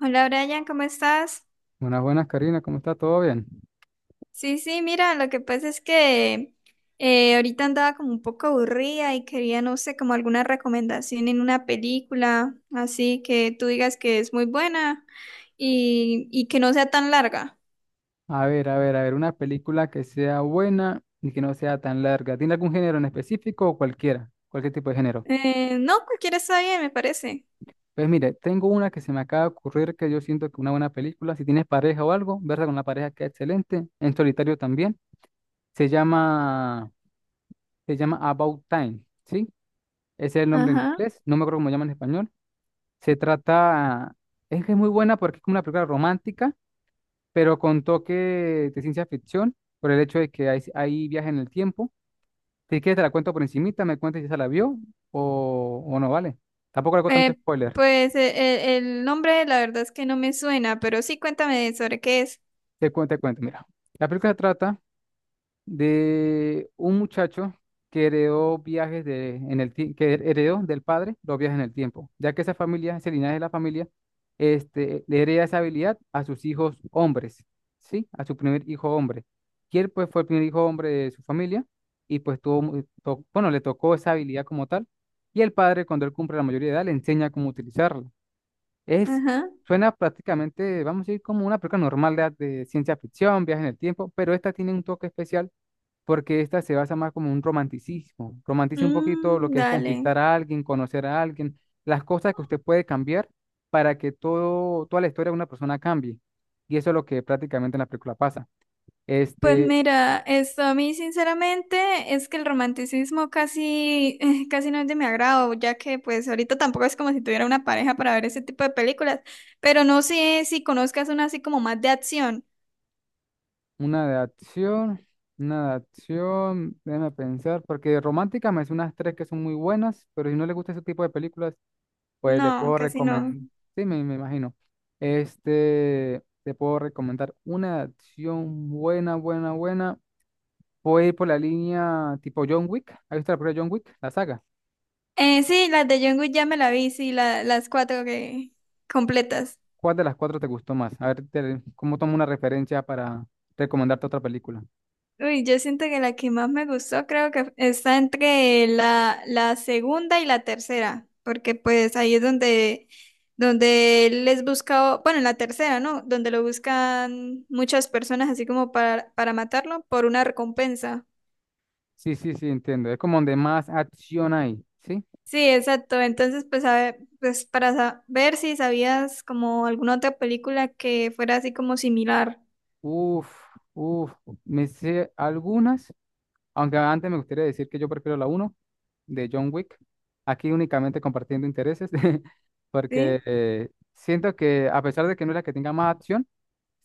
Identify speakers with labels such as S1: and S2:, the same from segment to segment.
S1: Hola Brian, ¿cómo estás?
S2: Buenas, buenas, Karina, ¿cómo está? ¿Todo bien?
S1: Sí, sí, mira, lo que pasa es que ahorita andaba como un poco aburrida y quería, no sé, como alguna recomendación en una película, así que tú digas que es muy buena y que no sea tan larga.
S2: A ver, a ver, a ver, una película que sea buena y que no sea tan larga. ¿Tiene algún género en específico o cualquiera? Cualquier tipo de género.
S1: No, cualquiera está bien, me parece.
S2: Pues mire, tengo una que se me acaba de ocurrir que yo siento que una buena película, si tienes pareja o algo, verla con la pareja queda excelente, en solitario también. Se llama, se llama About Time, ¿sí? Ese es el nombre en
S1: Ajá.
S2: inglés, no me acuerdo cómo llama en español. Se trata, es que es muy buena porque es como una película romántica pero con toque de ciencia ficción, por el hecho de que hay viaje en el tiempo. Si quieres, te la cuento por encimita, me cuentas si esa la vio o no, ¿vale? Tampoco le hago tanto
S1: Eh,
S2: spoiler.
S1: pues eh, el nombre la verdad es que no me suena, pero sí cuéntame sobre qué es.
S2: Te cuento, mira. La película se trata de un muchacho que heredó viajes de, en el, tie- que heredó del padre los viajes en el tiempo, ya que esa familia, ese linaje de la familia, este, le hereda esa habilidad a sus hijos hombres, ¿sí? A su primer hijo hombre. Y él, pues, fue el primer hijo hombre de su familia y, pues, bueno, le tocó esa habilidad como tal. Y el padre, cuando él cumple la mayoría de edad, le enseña cómo utilizarla. Es,
S1: Ajá.
S2: Suena prácticamente, vamos a decir, como una película normal de ciencia ficción, viaje en el tiempo, pero esta tiene un toque especial porque esta se basa más como un romanticismo. Romantiza un poquito lo
S1: Mm,
S2: que es
S1: dale.
S2: conquistar a alguien, conocer a alguien, las cosas que usted puede cambiar para que todo, toda la historia de una persona cambie. Y eso es lo que prácticamente en la película pasa.
S1: Pues
S2: Este,
S1: mira, esto a mí sinceramente es que el romanticismo casi, casi no es de mi agrado, ya que pues ahorita tampoco es como si tuviera una pareja para ver ese tipo de películas, pero no sé si conozcas una así como más de acción.
S2: una de acción, una de acción, déjame pensar, porque romántica me hace unas tres que son muy buenas, pero si no le gusta ese tipo de películas, pues le
S1: No,
S2: puedo
S1: casi
S2: recomendar,
S1: no.
S2: sí, me imagino. Este, te puedo recomendar una de acción buena, buena, buena. Voy a ir por la línea tipo John Wick. ¿Has visto la primera John Wick? La saga.
S1: Sí, las de John Wick ya me la vi, sí, las cuatro que completas.
S2: ¿Cuál de las cuatro te gustó más? A ver, cómo tomo una referencia para recomendarte otra película.
S1: Uy, yo siento que la que más me gustó creo que está entre la segunda y la tercera, porque pues ahí es donde, donde él les busca, bueno, en la tercera, ¿no? Donde lo buscan muchas personas así como para matarlo por una recompensa.
S2: Sí, sí, sí, entiendo. Es como donde más acción hay, ¿sí?
S1: Sí, exacto. Entonces, pues, a ver, pues para ver si sabías como alguna otra película que fuera así como similar,
S2: Uf, uf. Me sé algunas, aunque antes me gustaría decir que yo prefiero la uno de John Wick. Aquí únicamente compartiendo intereses, porque
S1: ¿sí?
S2: siento que a pesar de que no es la que tenga más acción,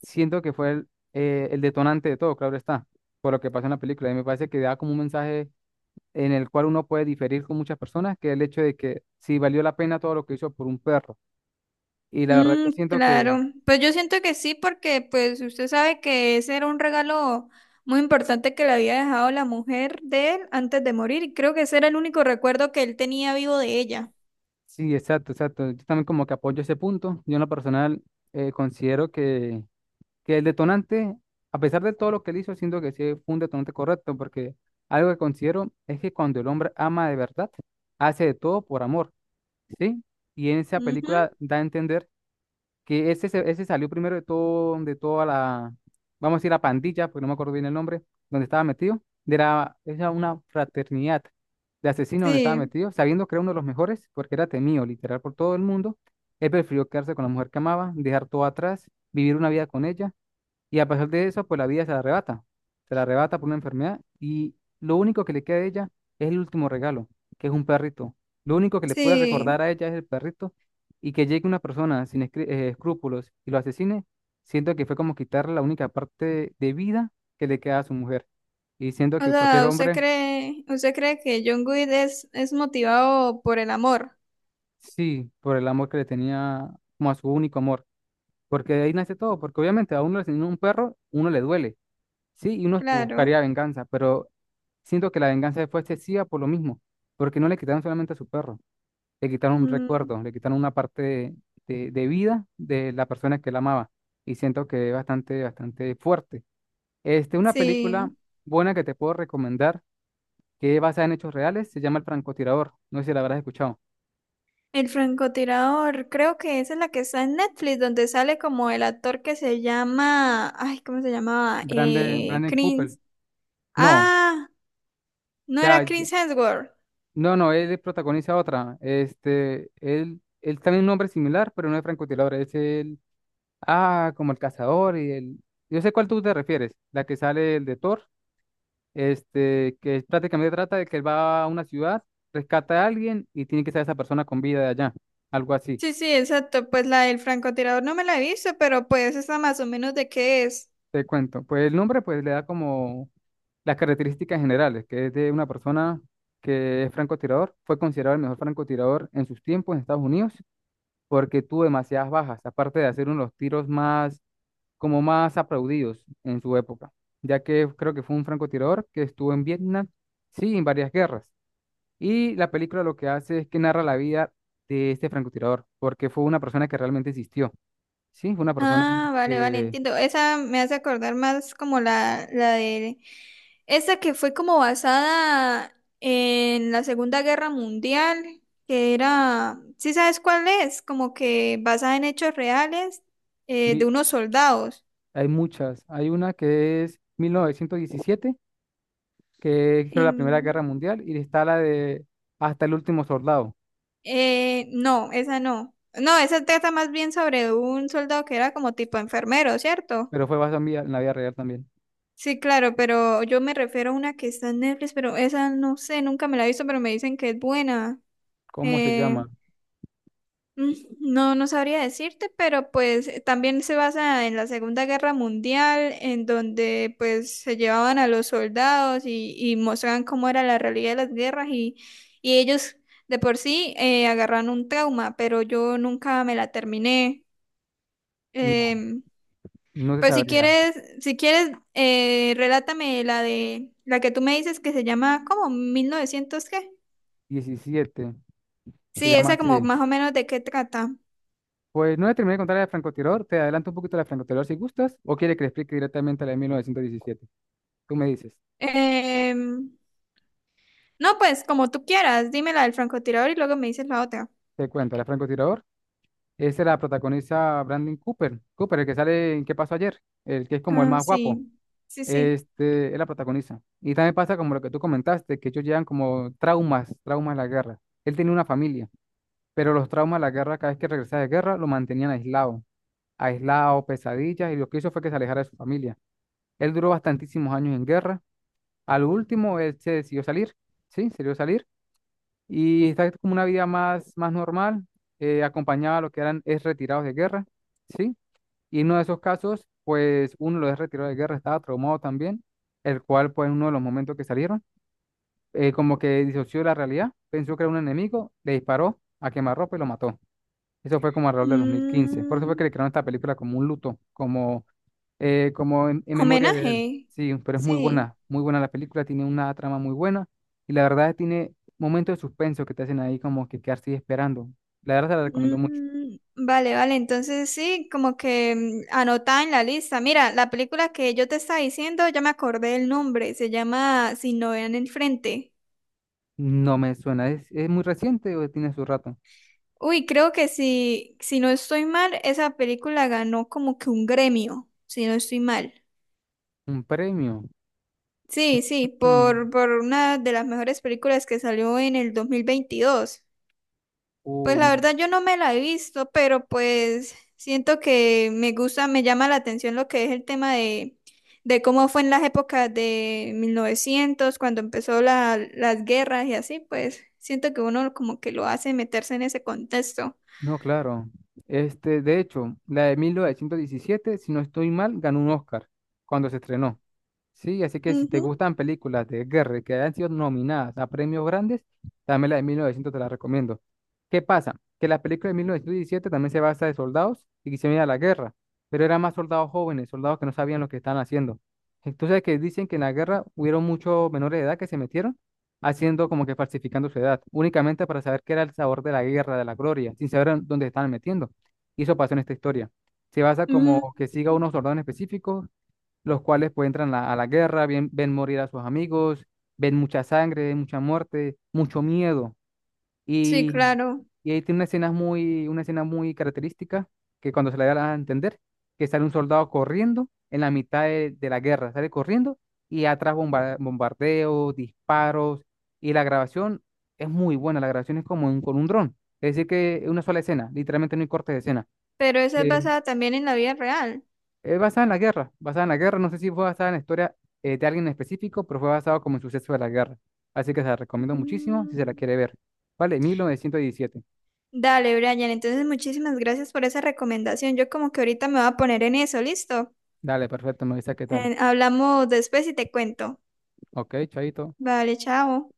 S2: siento que fue el detonante de todo, claro está, por lo que pasa en la película. Y me parece que da como un mensaje en el cual uno puede diferir con muchas personas, que el hecho de que si valió la pena todo lo que hizo por un perro. Y la verdad yo
S1: Mm,
S2: siento que
S1: claro, pues yo siento que sí, porque pues usted sabe que ese era un regalo muy importante que le había dejado la mujer de él antes de morir, y creo que ese era el único recuerdo que él tenía vivo de ella.
S2: sí, exacto, exacto. Yo también como que apoyo ese punto. Yo en lo personal considero que el detonante, a pesar de todo lo que él hizo, siento que sí fue un detonante correcto, porque algo que considero es que cuando el hombre ama de verdad, hace de todo por amor, ¿sí? Y en esa
S1: Ujú,
S2: película da a entender que ese salió primero de todo, de toda la, vamos a decir la pandilla, porque no me acuerdo bien el nombre, donde estaba metido, de la, era una fraternidad de asesinos donde estaba
S1: sí,
S2: metido, sabiendo que era uno de los mejores, porque era temido literal por todo el mundo, él prefirió quedarse con la mujer que amaba, dejar todo atrás, vivir una vida con ella y a pesar de eso, pues la vida se la arrebata. Se la arrebata por una enfermedad y lo único que le queda a ella es el último regalo, que es un perrito. Lo único que le puede
S1: sí.
S2: recordar a ella es el perrito y que llegue una persona sin escrúpulos y lo asesine, siento que fue como quitarle la única parte de vida que le queda a su mujer. Y siento
S1: O
S2: que cualquier
S1: sea,
S2: hombre,
S1: usted cree que John Good es motivado por el amor?
S2: sí, por el amor que le tenía como a su único amor, porque de ahí nace todo, porque obviamente a uno le asesina un perro, uno le duele. Sí, y uno
S1: Claro.
S2: buscaría venganza, pero siento que la venganza fue excesiva por lo mismo, porque no le quitaron solamente a su perro, le quitaron un
S1: Mm,
S2: recuerdo, le quitaron una parte de, de vida de la persona que la amaba, y siento que es bastante, bastante fuerte. Este, una película
S1: sí.
S2: buena que te puedo recomendar, que es basada en hechos reales, se llama El francotirador, no sé si la habrás escuchado.
S1: El francotirador, creo que esa es la que está en Netflix, donde sale como el actor que se llama, ay, ¿cómo se llamaba?
S2: Brandon, Brandon Cooper.
S1: Chris,
S2: No, o
S1: ah, no
S2: sea,
S1: era Chris Hemsworth.
S2: no, no, él protagoniza otra. Este, él también es un nombre similar, pero no es francotirador, es el. Ah, como el cazador y el. Yo sé cuál tú te refieres, la que sale el de Thor, este, que prácticamente trata de que él va a una ciudad, rescata a alguien y tiene que estar esa persona con vida de allá, algo así,
S1: Sí, sí, exacto, pues la del francotirador no me la he visto, pero pues esa más o menos de qué es.
S2: te cuento. Pues el nombre pues le da como las características generales, que es de una persona que es francotirador, fue considerado el mejor francotirador en sus tiempos en Estados Unidos porque tuvo demasiadas bajas, aparte de hacer uno de los tiros más como más aplaudidos en su época, ya que creo que fue un francotirador que estuvo en Vietnam, sí, en varias guerras. Y la película lo que hace es que narra la vida de este francotirador, porque fue una persona que realmente existió, sí, fue una persona
S1: Ah, vale, vale,
S2: que
S1: entiendo. Esa me hace acordar más como la de... Esa que fue como basada en la Segunda Guerra Mundial, que era... ¿Sí sabes cuál es? Como que basada en hechos reales, de
S2: vi-
S1: unos soldados.
S2: hay muchas, hay una que es 1917, que es creo, la Primera
S1: Em,
S2: Guerra Mundial, y está la de Hasta el último soldado,
S1: no, esa no. No, esa trata más bien sobre un soldado que era como tipo enfermero, ¿cierto?
S2: pero fue basada en en la vida real también.
S1: Sí, claro, pero yo me refiero a una que está en Netflix, pero esa no sé, nunca me la he visto, pero me dicen que es buena.
S2: ¿Cómo se
S1: Eh,
S2: llama?
S1: mm, no, no sabría decirte, pero pues también se basa en la Segunda Guerra Mundial, en donde pues se llevaban a los soldados y mostraban cómo era la realidad de las guerras y ellos de por sí agarran un trauma, pero yo nunca me la terminé.
S2: No,
S1: Em,
S2: no se
S1: pues si
S2: sabría.
S1: quieres, si quieres, relátame la de la que tú me dices que se llama como 1900 qué.
S2: 17, se
S1: Sí,
S2: llama
S1: esa como
S2: así.
S1: más o menos de qué trata.
S2: Pues no le terminé de contar la de francotirador, te adelanto un poquito la de francotirador si gustas, o quiere que le explique directamente la de 1917. Tú me dices,
S1: Em, No, pues como tú quieras, dime la del francotirador y luego me dices la otra.
S2: te cuento, la de francotirador, esa la protagoniza Brandon Cooper, Cooper, el que sale en ¿Qué pasó ayer? El que es como el
S1: Ah,
S2: más guapo,
S1: sí, sí, sí.
S2: este, él la protagoniza. Y también pasa como lo que tú comentaste, que ellos llevan como traumas, traumas de la guerra. Él tenía una familia, pero los traumas de la guerra, cada vez que regresaba de guerra, lo mantenían aislado, aislado, pesadillas, y lo que hizo fue que se alejara de su familia. Él duró bastantísimos años en guerra. Al último, él se decidió salir, sí, se decidió salir y está como una vida más, más normal, acompañaba a lo que eran ex retirados de guerra, sí, y en uno de esos casos, pues uno de los ex retirados de guerra estaba traumado también, el cual, pues, en uno de los momentos que salieron, como que disoció de la realidad, pensó que era un enemigo, le disparó a quemarropa y lo mató. Eso fue como alrededor de 2015. Por eso fue que
S1: Mm,
S2: le crearon esta película como un luto, como como en memoria de él.
S1: homenaje,
S2: Sí, pero es
S1: sí.
S2: muy buena la película, tiene una trama muy buena y la verdad tiene momentos de suspenso que te hacen ahí como que quedarse ahí esperando. La verdad te la recomiendo mucho.
S1: Mm, vale, vale, entonces sí, como que mm, anota en la lista. Mira, la película que yo te estaba diciendo, ya me acordé el nombre, se llama Si no vean el frente.
S2: No me suena, es muy reciente o tiene su rato?
S1: Uy, creo que si, si no estoy mal, esa película ganó como que un gremio, si no estoy mal.
S2: Un premio.
S1: Sí, sí,
S2: Mm,
S1: por una de las mejores películas que salió en el 2022. Pues
S2: uy,
S1: la verdad yo no me la he visto, pero pues siento que me gusta, me llama la atención lo que es el tema de cómo fue en las épocas de 1900 cuando empezó la, las guerras y así, pues siento que uno como que lo hace meterse en ese contexto.
S2: no, claro. Este, de hecho, la de 1917 si no estoy mal, ganó un Oscar cuando se estrenó. Sí, así que si te
S1: Ujú.
S2: gustan películas de guerra que hayan sido nominadas a premios grandes, también la de 1900 te la recomiendo. ¿Qué pasa? Que la película de 1917 también se basa de soldados y que se viene la guerra, pero eran más soldados jóvenes, soldados que no sabían lo que estaban haciendo. Entonces, que dicen que en la guerra hubieron muchos menores de edad que se metieron haciendo como que falsificando su edad, únicamente para saber qué era el sabor de la guerra, de la gloria, sin saber en dónde estaban metiendo. Y eso pasó en esta historia. Se basa
S1: Mm,
S2: como que siga a unos soldados en específico los cuales pues entran a la guerra, ven morir a sus amigos, ven mucha sangre, mucha muerte, mucho miedo.
S1: sí,
S2: Y,
S1: claro,
S2: y ahí tiene una escena muy característica que cuando se la da a entender, que sale un soldado corriendo en la mitad de la guerra, sale corriendo y atrás bombardeos, disparos y la grabación es muy buena, la grabación es como con un dron, es decir que es una sola escena, literalmente no hay cortes de escena.
S1: pero esa es
S2: Sí.
S1: basada también en la vida real.
S2: Es basada en la guerra, basada en la guerra, no sé si fue basada en la historia de alguien en específico, pero fue basado como en suceso de la guerra. Así que se la recomiendo muchísimo si se la
S1: Mm.
S2: quiere ver. Vale, 1917.
S1: Dale, Brian. Entonces, muchísimas gracias por esa recomendación. Yo como que ahorita me voy a poner en eso, ¿listo?
S2: Dale, perfecto, me avisa qué tal.
S1: Hablamos después y te cuento.
S2: Ok, chaito.
S1: Vale, chao.